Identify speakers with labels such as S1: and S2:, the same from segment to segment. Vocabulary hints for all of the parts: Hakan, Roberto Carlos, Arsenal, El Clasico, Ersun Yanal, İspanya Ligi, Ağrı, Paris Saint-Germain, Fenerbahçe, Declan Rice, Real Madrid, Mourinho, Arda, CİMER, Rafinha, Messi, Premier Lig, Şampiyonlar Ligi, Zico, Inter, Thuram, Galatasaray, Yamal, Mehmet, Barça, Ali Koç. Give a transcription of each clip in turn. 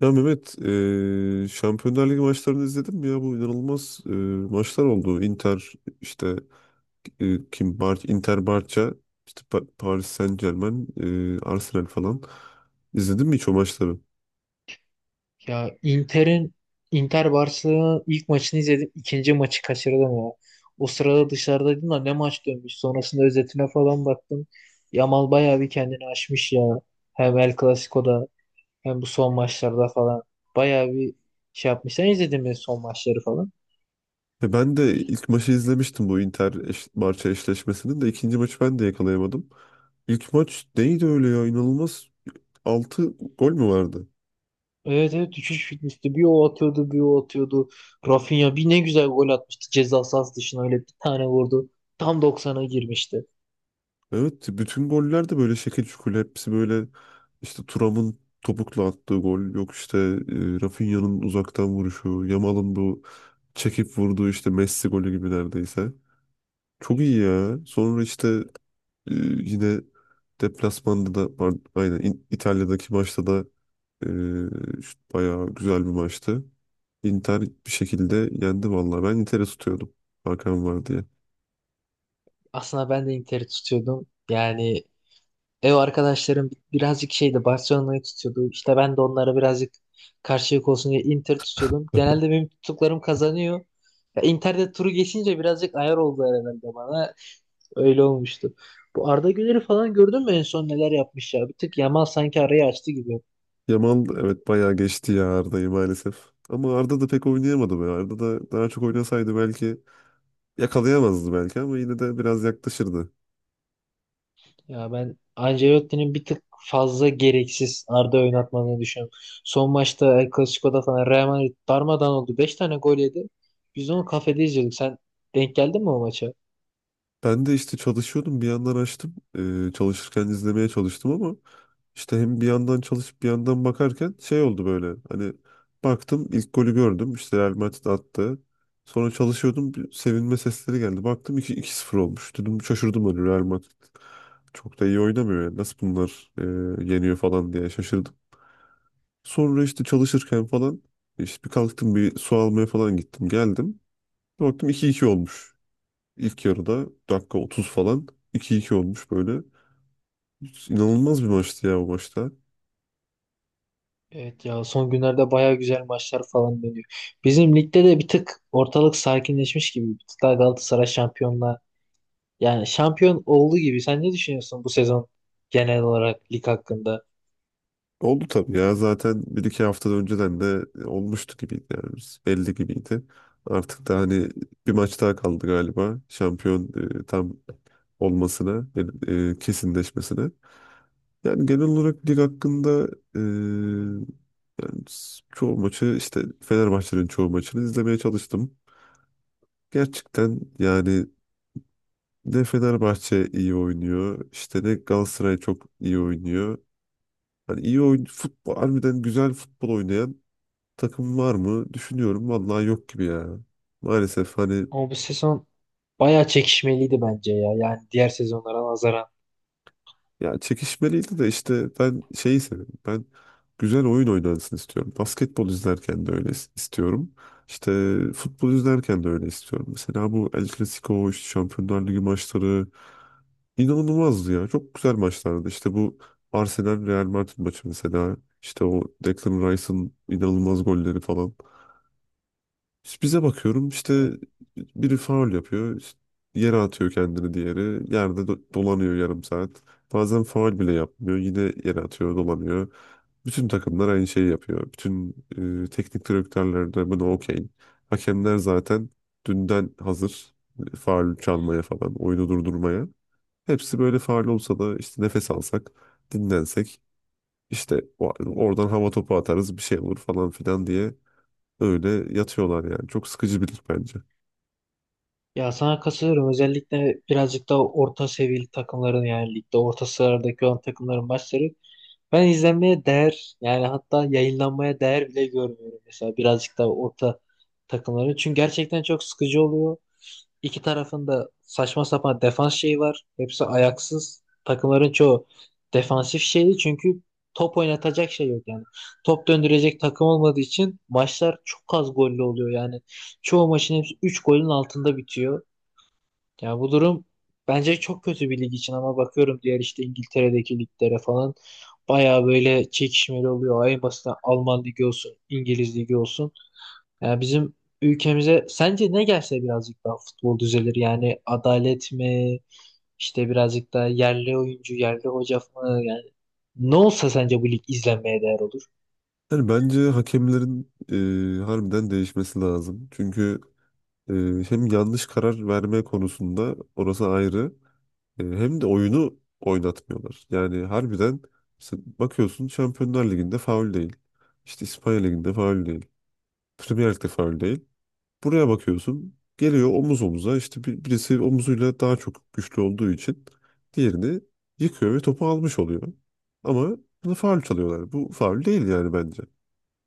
S1: Ya Mehmet, Şampiyonlar Ligi maçlarını izledin mi ya? Bu inanılmaz maçlar oldu. Inter işte kim Inter Barça, işte Paris Saint-Germain, Arsenal falan. İzledin mi hiç o maçları?
S2: Ya Inter Barcelona'nın ilk maçını izledim. İkinci maçı kaçırdım ya. O sırada dışarıdaydım da ne maç dönmüş. Sonrasında özetine falan baktım. Yamal bayağı bir kendini aşmış ya. Hem El Clasico'da hem bu son maçlarda falan. Bayağı bir şey yapmış. Sen izledin mi son maçları falan?
S1: Ben de ilk maçı izlemiştim bu Inter eş Barça eşleşmesinin de ikinci maçı ben de yakalayamadım. İlk maç neydi öyle ya? İnanılmaz 6 gol mü vardı?
S2: Evet, evet, düşüş bitmişti. Bir o atıyordu bir o atıyordu. Rafinha bir ne güzel gol atmıştı. Ceza sahası dışına öyle bir tane vurdu. Tam 90'a girmişti.
S1: Evet bütün goller de böyle şekil şukul hepsi böyle işte Thuram'ın topukla attığı gol yok işte Rafinha'nın uzaktan vuruşu Yamal'ın bu çekip vurduğu işte Messi golü gibi neredeyse. Çok iyi ya. Sonra işte yine deplasmanda da pardon, aynen İtalya'daki maçta da işte bayağı güzel bir maçtı. Inter bir şekilde yendi vallahi. Ben Inter'i tutuyordum. Hakan var diye.
S2: Aslında ben de Inter'i tutuyordum. Yani ev arkadaşlarım birazcık şeydi, Barcelona'yı tutuyordu. İşte ben de onlara birazcık karşılık olsun diye Inter tutuyordum. Genelde benim tuttuklarım kazanıyor. Ya Inter'de turu geçince birazcık ayar oldu herhalde bana. Öyle olmuştu. Bu Arda Güler'i falan gördün mü en son neler yapmış ya? Bir tık Yamal sanki arayı açtı gibi.
S1: Yamal evet bayağı geçti ya Arda'yı maalesef. Ama Arda da pek oynayamadı be. Arda da daha çok oynasaydı belki yakalayamazdı belki ama yine de biraz yaklaşırdı.
S2: Ya ben Ancelotti'nin bir tık fazla gereksiz Arda oynatmadığını düşünüyorum. Son maçta El Clasico'da falan Real Madrid darmadağın oldu. 5 tane gol yedi. Biz onu kafede izliyorduk. Sen denk geldin mi o maça?
S1: Ben de işte çalışıyordum bir yandan açtım. Çalışırken izlemeye çalıştım ama işte hem bir yandan çalışıp bir yandan bakarken şey oldu böyle. Hani baktım ilk golü gördüm. İşte Real Madrid attı. Sonra çalışıyordum bir sevinme sesleri geldi. Baktım 2-0 olmuş. Dedim şaşırdım hani Real Madrid. Çok da iyi oynamıyor yani. Nasıl bunlar yeniyor falan diye şaşırdım. Sonra işte çalışırken falan işte bir kalktım bir su almaya falan gittim geldim. Baktım 2-2 olmuş. İlk yarıda dakika 30 falan 2-2 olmuş böyle. İnanılmaz bir maçtı ya o maçta.
S2: Evet ya, son günlerde baya güzel maçlar falan dönüyor. Bizim ligde de bir tık ortalık sakinleşmiş gibi. Bir tık daha Galatasaray şampiyon olduğu gibi. Sen ne düşünüyorsun bu sezon genel olarak lig hakkında?
S1: Oldu tabii ya zaten bir iki hafta önceden de olmuştu gibiydi yani biz. Belli gibiydi. Artık da hani bir maç daha kaldı galiba şampiyon tam olmasına, kesinleşmesine. Yani genel olarak lig hakkında e, yani çoğu maçı işte Fenerbahçe'nin çoğu maçını izlemeye çalıştım. Gerçekten yani ne Fenerbahçe iyi oynuyor. İşte ne Galatasaray çok iyi oynuyor. Hani iyi oyun futbol harbiden güzel futbol oynayan takım var mı? Düşünüyorum vallahi yok gibi ya. Maalesef hani
S2: Ama bu sezon baya çekişmeliydi bence ya. Yani diğer sezonlara nazaran.
S1: ya çekişmeliydi de işte ben şeyi seviyorum. Ben güzel oyun oynansın istiyorum. Basketbol izlerken de öyle istiyorum. İşte futbol izlerken de öyle istiyorum. Mesela bu El Clasico, işte Şampiyonlar Ligi maçları İnanılmazdı ya. Çok güzel maçlardı. İşte bu Arsenal Real Madrid maçı mesela. İşte o Declan Rice'ın inanılmaz golleri falan. İşte bize bakıyorum işte
S2: Evet.
S1: biri faul yapıyor. İşte yere atıyor kendini diğeri. Yerde dolanıyor yarım saat. Bazen faul bile yapmıyor. Yine yere atıyor, dolanıyor. Bütün takımlar aynı şeyi yapıyor. Bütün teknik direktörler de buna okey. Hakemler zaten dünden hazır. Faul çalmaya falan, oyunu durdurmaya. Hepsi böyle faal olsa da işte nefes alsak, dinlensek, işte oradan hava topu atarız bir şey olur falan filan diye öyle yatıyorlar yani. Çok sıkıcı bir lig bence.
S2: Ya sana katılıyorum. Özellikle birazcık daha orta seviyeli takımların, yani ligde orta sıralardaki olan takımların maçları. Ben izlenmeye değer yani hatta yayınlanmaya değer bile görmüyorum mesela birazcık da orta takımları. Çünkü gerçekten çok sıkıcı oluyor. İki tarafında saçma sapan defans şeyi var. Hepsi ayaksız. Takımların çoğu defansif şeyi çünkü top oynatacak şey yok yani. Top döndürecek takım olmadığı için maçlar çok az gollü oluyor yani. Çoğu maçın hepsi 3 golün altında bitiyor. Ya bu durum bence çok kötü bir lig için, ama bakıyorum diğer işte İngiltere'deki liglere falan bayağı böyle çekişmeli oluyor. En basitinden Alman ligi olsun, İngiliz ligi olsun. Yani bizim ülkemize sence ne gelse birazcık daha futbol düzelir? Yani adalet mi? İşte birazcık daha yerli oyuncu, yerli hoca mı? Yani ne olsa sence bu lig izlenmeye değer olur?
S1: Yani bence hakemlerin harbiden değişmesi lazım. Çünkü Ee, hem yanlış karar verme konusunda orası ayrı. Hem de oyunu oynatmıyorlar. Yani harbiden işte bakıyorsun Şampiyonlar Ligi'nde faul değil. İşte İspanya Ligi'nde faul değil. Premier Lig'de faul değil. Buraya bakıyorsun geliyor omuz omuza işte birisi omuzuyla daha çok güçlü olduğu için diğerini yıkıyor ve topu almış oluyor. Ama bunu faul çalıyorlar. Bu faul değil yani bence.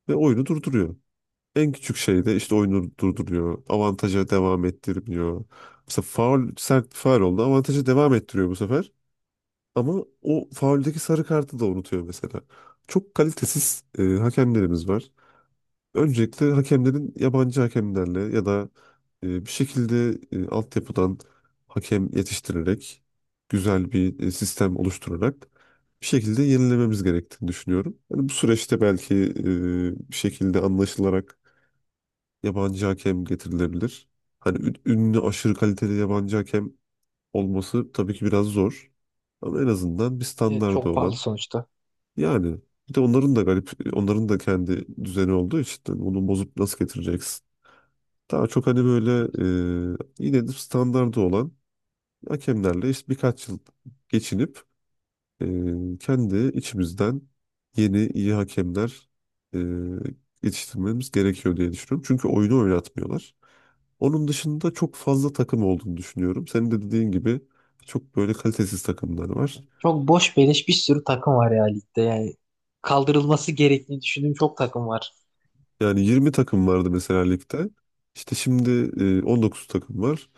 S1: Ve oyunu durduruyor. En küçük şeyde işte oyunu durduruyor. Avantaja devam ettirmiyor. Mesela faul sert bir faul oldu. Avantaja devam ettiriyor bu sefer. Ama o fauldeki sarı kartı da unutuyor mesela. Çok kalitesiz hakemlerimiz var. Öncelikle hakemlerin yabancı hakemlerle ya da bir şekilde altyapıdan hakem yetiştirerek güzel bir sistem oluşturarak bir şekilde yenilememiz gerektiğini düşünüyorum. Yani bu süreçte belki bir şekilde anlaşılarak yabancı hakem getirilebilir. Hani ünlü aşırı kaliteli yabancı hakem olması tabii ki biraz zor. Ama en azından bir
S2: Evet,
S1: standardı
S2: çok pahalı
S1: olan
S2: sonuçta.
S1: yani bir de onların da garip onların da kendi düzeni olduğu için hani onu bozup nasıl getireceksin? Daha çok hani böyle yine de standardı olan hakemlerle işte birkaç yıl geçinip e, kendi içimizden yeni iyi hakemler e, yetiştirmemiz gerekiyor diye düşünüyorum. Çünkü oyunu oynatmıyorlar. Onun dışında çok fazla takım olduğunu düşünüyorum. Senin de dediğin gibi çok böyle kalitesiz takımlar var.
S2: Çok boş beleş bir sürü takım var ya ligde. Yani kaldırılması gerektiğini düşündüğüm çok takım var.
S1: Yani 20 takım vardı mesela ligde. İşte şimdi 19 takım var.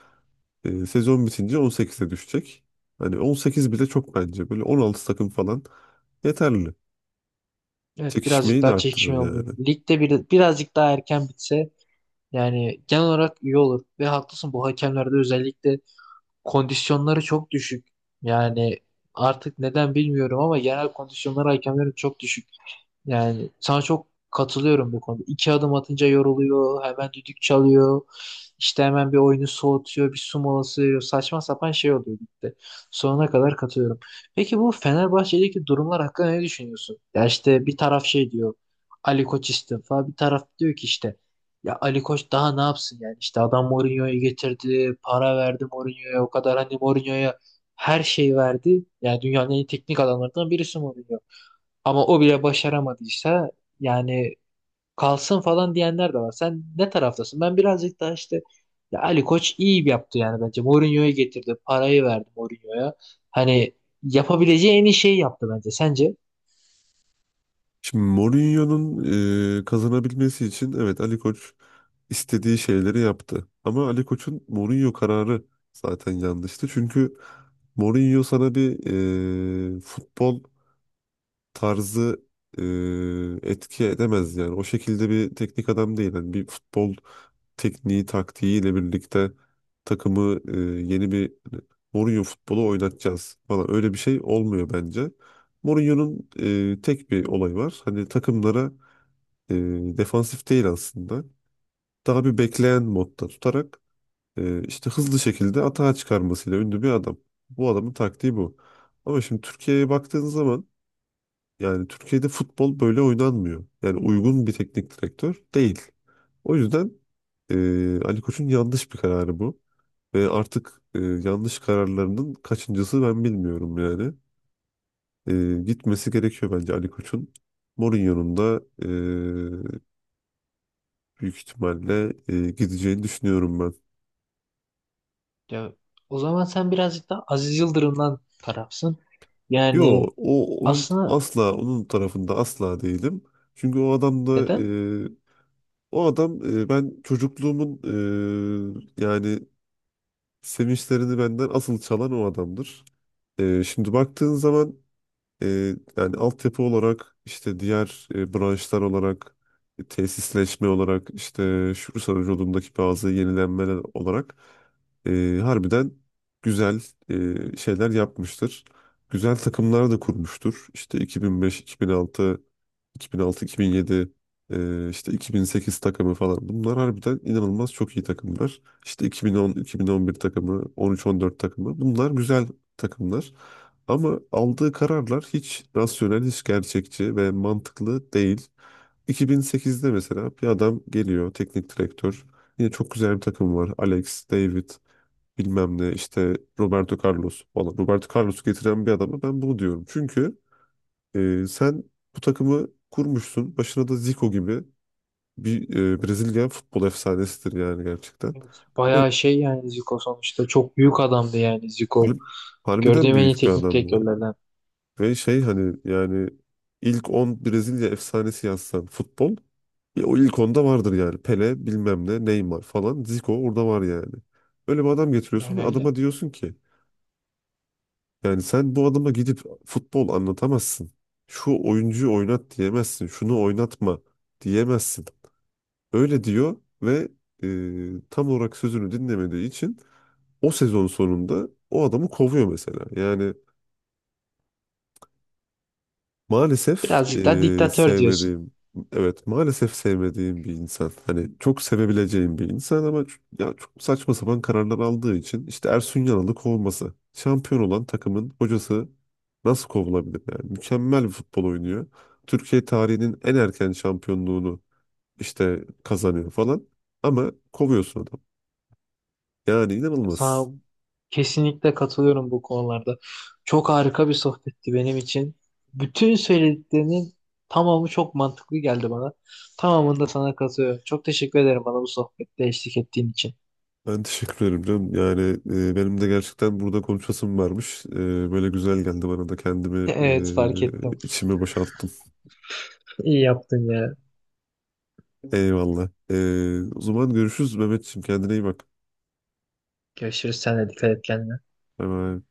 S1: Sezon bitince 18'e düşecek. Hani 18 bile çok bence. Böyle 16 takım falan yeterli.
S2: Evet, birazcık
S1: Çekişmeyi de
S2: daha
S1: arttırır
S2: çekişme olur.
S1: yani.
S2: Ligde birazcık daha erken bitse yani genel olarak iyi olur. Ve haklısın, bu hakemlerde özellikle kondisyonları çok düşük. Yani artık neden bilmiyorum ama genel kondisyonları hakemlerin çok düşük. Yani sana çok katılıyorum bu konuda. İki adım atınca yoruluyor, hemen düdük çalıyor, işte hemen bir oyunu soğutuyor, bir su molası veriyor. Saçma sapan şey oluyor gitti. Sonuna kadar katılıyorum. Peki bu Fenerbahçe'deki durumlar hakkında ne düşünüyorsun? Ya işte bir taraf şey diyor, Ali Koç istifa, bir taraf diyor ki işte ya Ali Koç daha ne yapsın yani, işte adam Mourinho'yu getirdi, para verdi Mourinho'ya, o kadar hani Mourinho'ya her şeyi verdi. Yani dünyanın en iyi teknik adamlarından birisi Mourinho. Ama o bile başaramadıysa yani kalsın falan diyenler de var. Sen ne taraftasın? Ben birazcık daha işte ya Ali Koç iyi yaptı yani bence. Mourinho'yu getirdi. Parayı verdi Mourinho'ya. Hani yapabileceği en iyi şeyi yaptı bence. Sence?
S1: Şimdi Mourinho'nun kazanabilmesi için evet Ali Koç istediği şeyleri yaptı. Ama Ali Koç'un Mourinho kararı zaten yanlıştı. Çünkü Mourinho sana bir futbol tarzı etki edemez yani. O şekilde bir teknik adam değil. Yani bir futbol tekniği, taktiğiyle birlikte takımı yeni bir hani Mourinho futbolu oynatacağız falan öyle bir şey olmuyor bence. Mourinho'nun tek bir olayı var. Hani takımlara e, defansif değil aslında. Daha bir bekleyen modda tutarak işte hızlı şekilde atağa çıkarmasıyla ünlü bir adam. Bu adamın taktiği bu. Ama şimdi Türkiye'ye baktığın zaman yani Türkiye'de futbol böyle oynanmıyor. Yani uygun bir teknik direktör değil. O yüzden Ali Koç'un yanlış bir kararı bu. Ve artık yanlış kararlarının kaçıncısı ben bilmiyorum yani. Gitmesi gerekiyor bence Ali Koç'un. Mourinho'nun da büyük ihtimalle gideceğini düşünüyorum ben.
S2: Ya, o zaman sen birazcık daha Aziz Yıldırım'dan tarafsın.
S1: Yo,
S2: Yani
S1: onun
S2: aslında
S1: asla onun tarafında asla değilim. Çünkü o adam da
S2: neden?
S1: e, o adam e, ben çocukluğumun yani sevinçlerini benden asıl çalan o adamdır. Şimdi baktığın zaman yani altyapı olarak işte diğer branşlar olarak tesisleşme olarak işte şu yolundaki bazı yenilenmeler olarak harbiden güzel şeyler yapmıştır. Güzel takımlar da kurmuştur. İşte 2005-2006 2006-2007 işte 2008 takımı falan. Bunlar harbiden inanılmaz çok iyi takımlar. İşte 2010-2011 takımı, 13-14 takımı. Bunlar güzel takımlar. Ama aldığı kararlar hiç rasyonel, hiç gerçekçi ve mantıklı değil. 2008'de mesela bir adam geliyor, teknik direktör. Yine çok güzel bir takım var. Alex, David, bilmem ne işte Roberto Carlos falan. Roberto Carlos'u getiren bir adama ben bunu diyorum. Çünkü sen bu takımı kurmuşsun. Başına da Zico gibi bir Brezilya futbol efsanesidir yani gerçekten.
S2: Evet,
S1: Böyle
S2: bayağı şey yani Zico sonuçta çok büyük adamdı yani Zico.
S1: har- harbiden
S2: Gördüğüm en iyi
S1: büyük bir
S2: teknik
S1: adam yani.
S2: direktörlerden.
S1: Ve şey hani yani ilk 10 Brezilya efsanesi yazsan futbol o ilk onda vardır yani. Pele bilmem ne Neymar falan Zico orada var yani. Öyle bir adam getiriyorsun
S2: Yani
S1: ve
S2: öyle.
S1: adama diyorsun ki yani sen bu adama gidip futbol anlatamazsın. Şu oyuncuyu oynat diyemezsin. Şunu oynatma diyemezsin. Öyle diyor ve tam olarak sözünü dinlemediği için o sezon sonunda o adamı kovuyor mesela. Yani maalesef
S2: Birazcık daha diktatör diyorsun.
S1: sevmediğim, evet maalesef sevmediğim bir insan. Hani çok sevebileceğim bir insan ama ya çok saçma sapan kararlar aldığı için işte Ersun Yanal'ı kovması. Şampiyon olan takımın hocası nasıl kovulabilir yani? Mükemmel bir futbol oynuyor. Türkiye tarihinin en erken şampiyonluğunu işte kazanıyor falan. Ama kovuyorsun adamı. Yani
S2: Ya sana
S1: inanılmaz.
S2: kesinlikle katılıyorum bu konularda. Çok harika bir sohbetti benim için. Bütün söylediklerinin tamamı çok mantıklı geldi bana. Tamamında sana katılıyorum. Çok teşekkür ederim bana bu sohbette eşlik ettiğin için.
S1: Ben teşekkür ederim canım. Yani benim de gerçekten burada konuşasım varmış. Böyle güzel geldi bana da kendimi
S2: Evet, fark ettim.
S1: içime boşalttım.
S2: İyi yaptın ya.
S1: Eyvallah. O zaman görüşürüz Mehmetciğim. Kendine iyi bak.
S2: Görüşürüz. Sen de dikkat et kendine.
S1: Bay bay.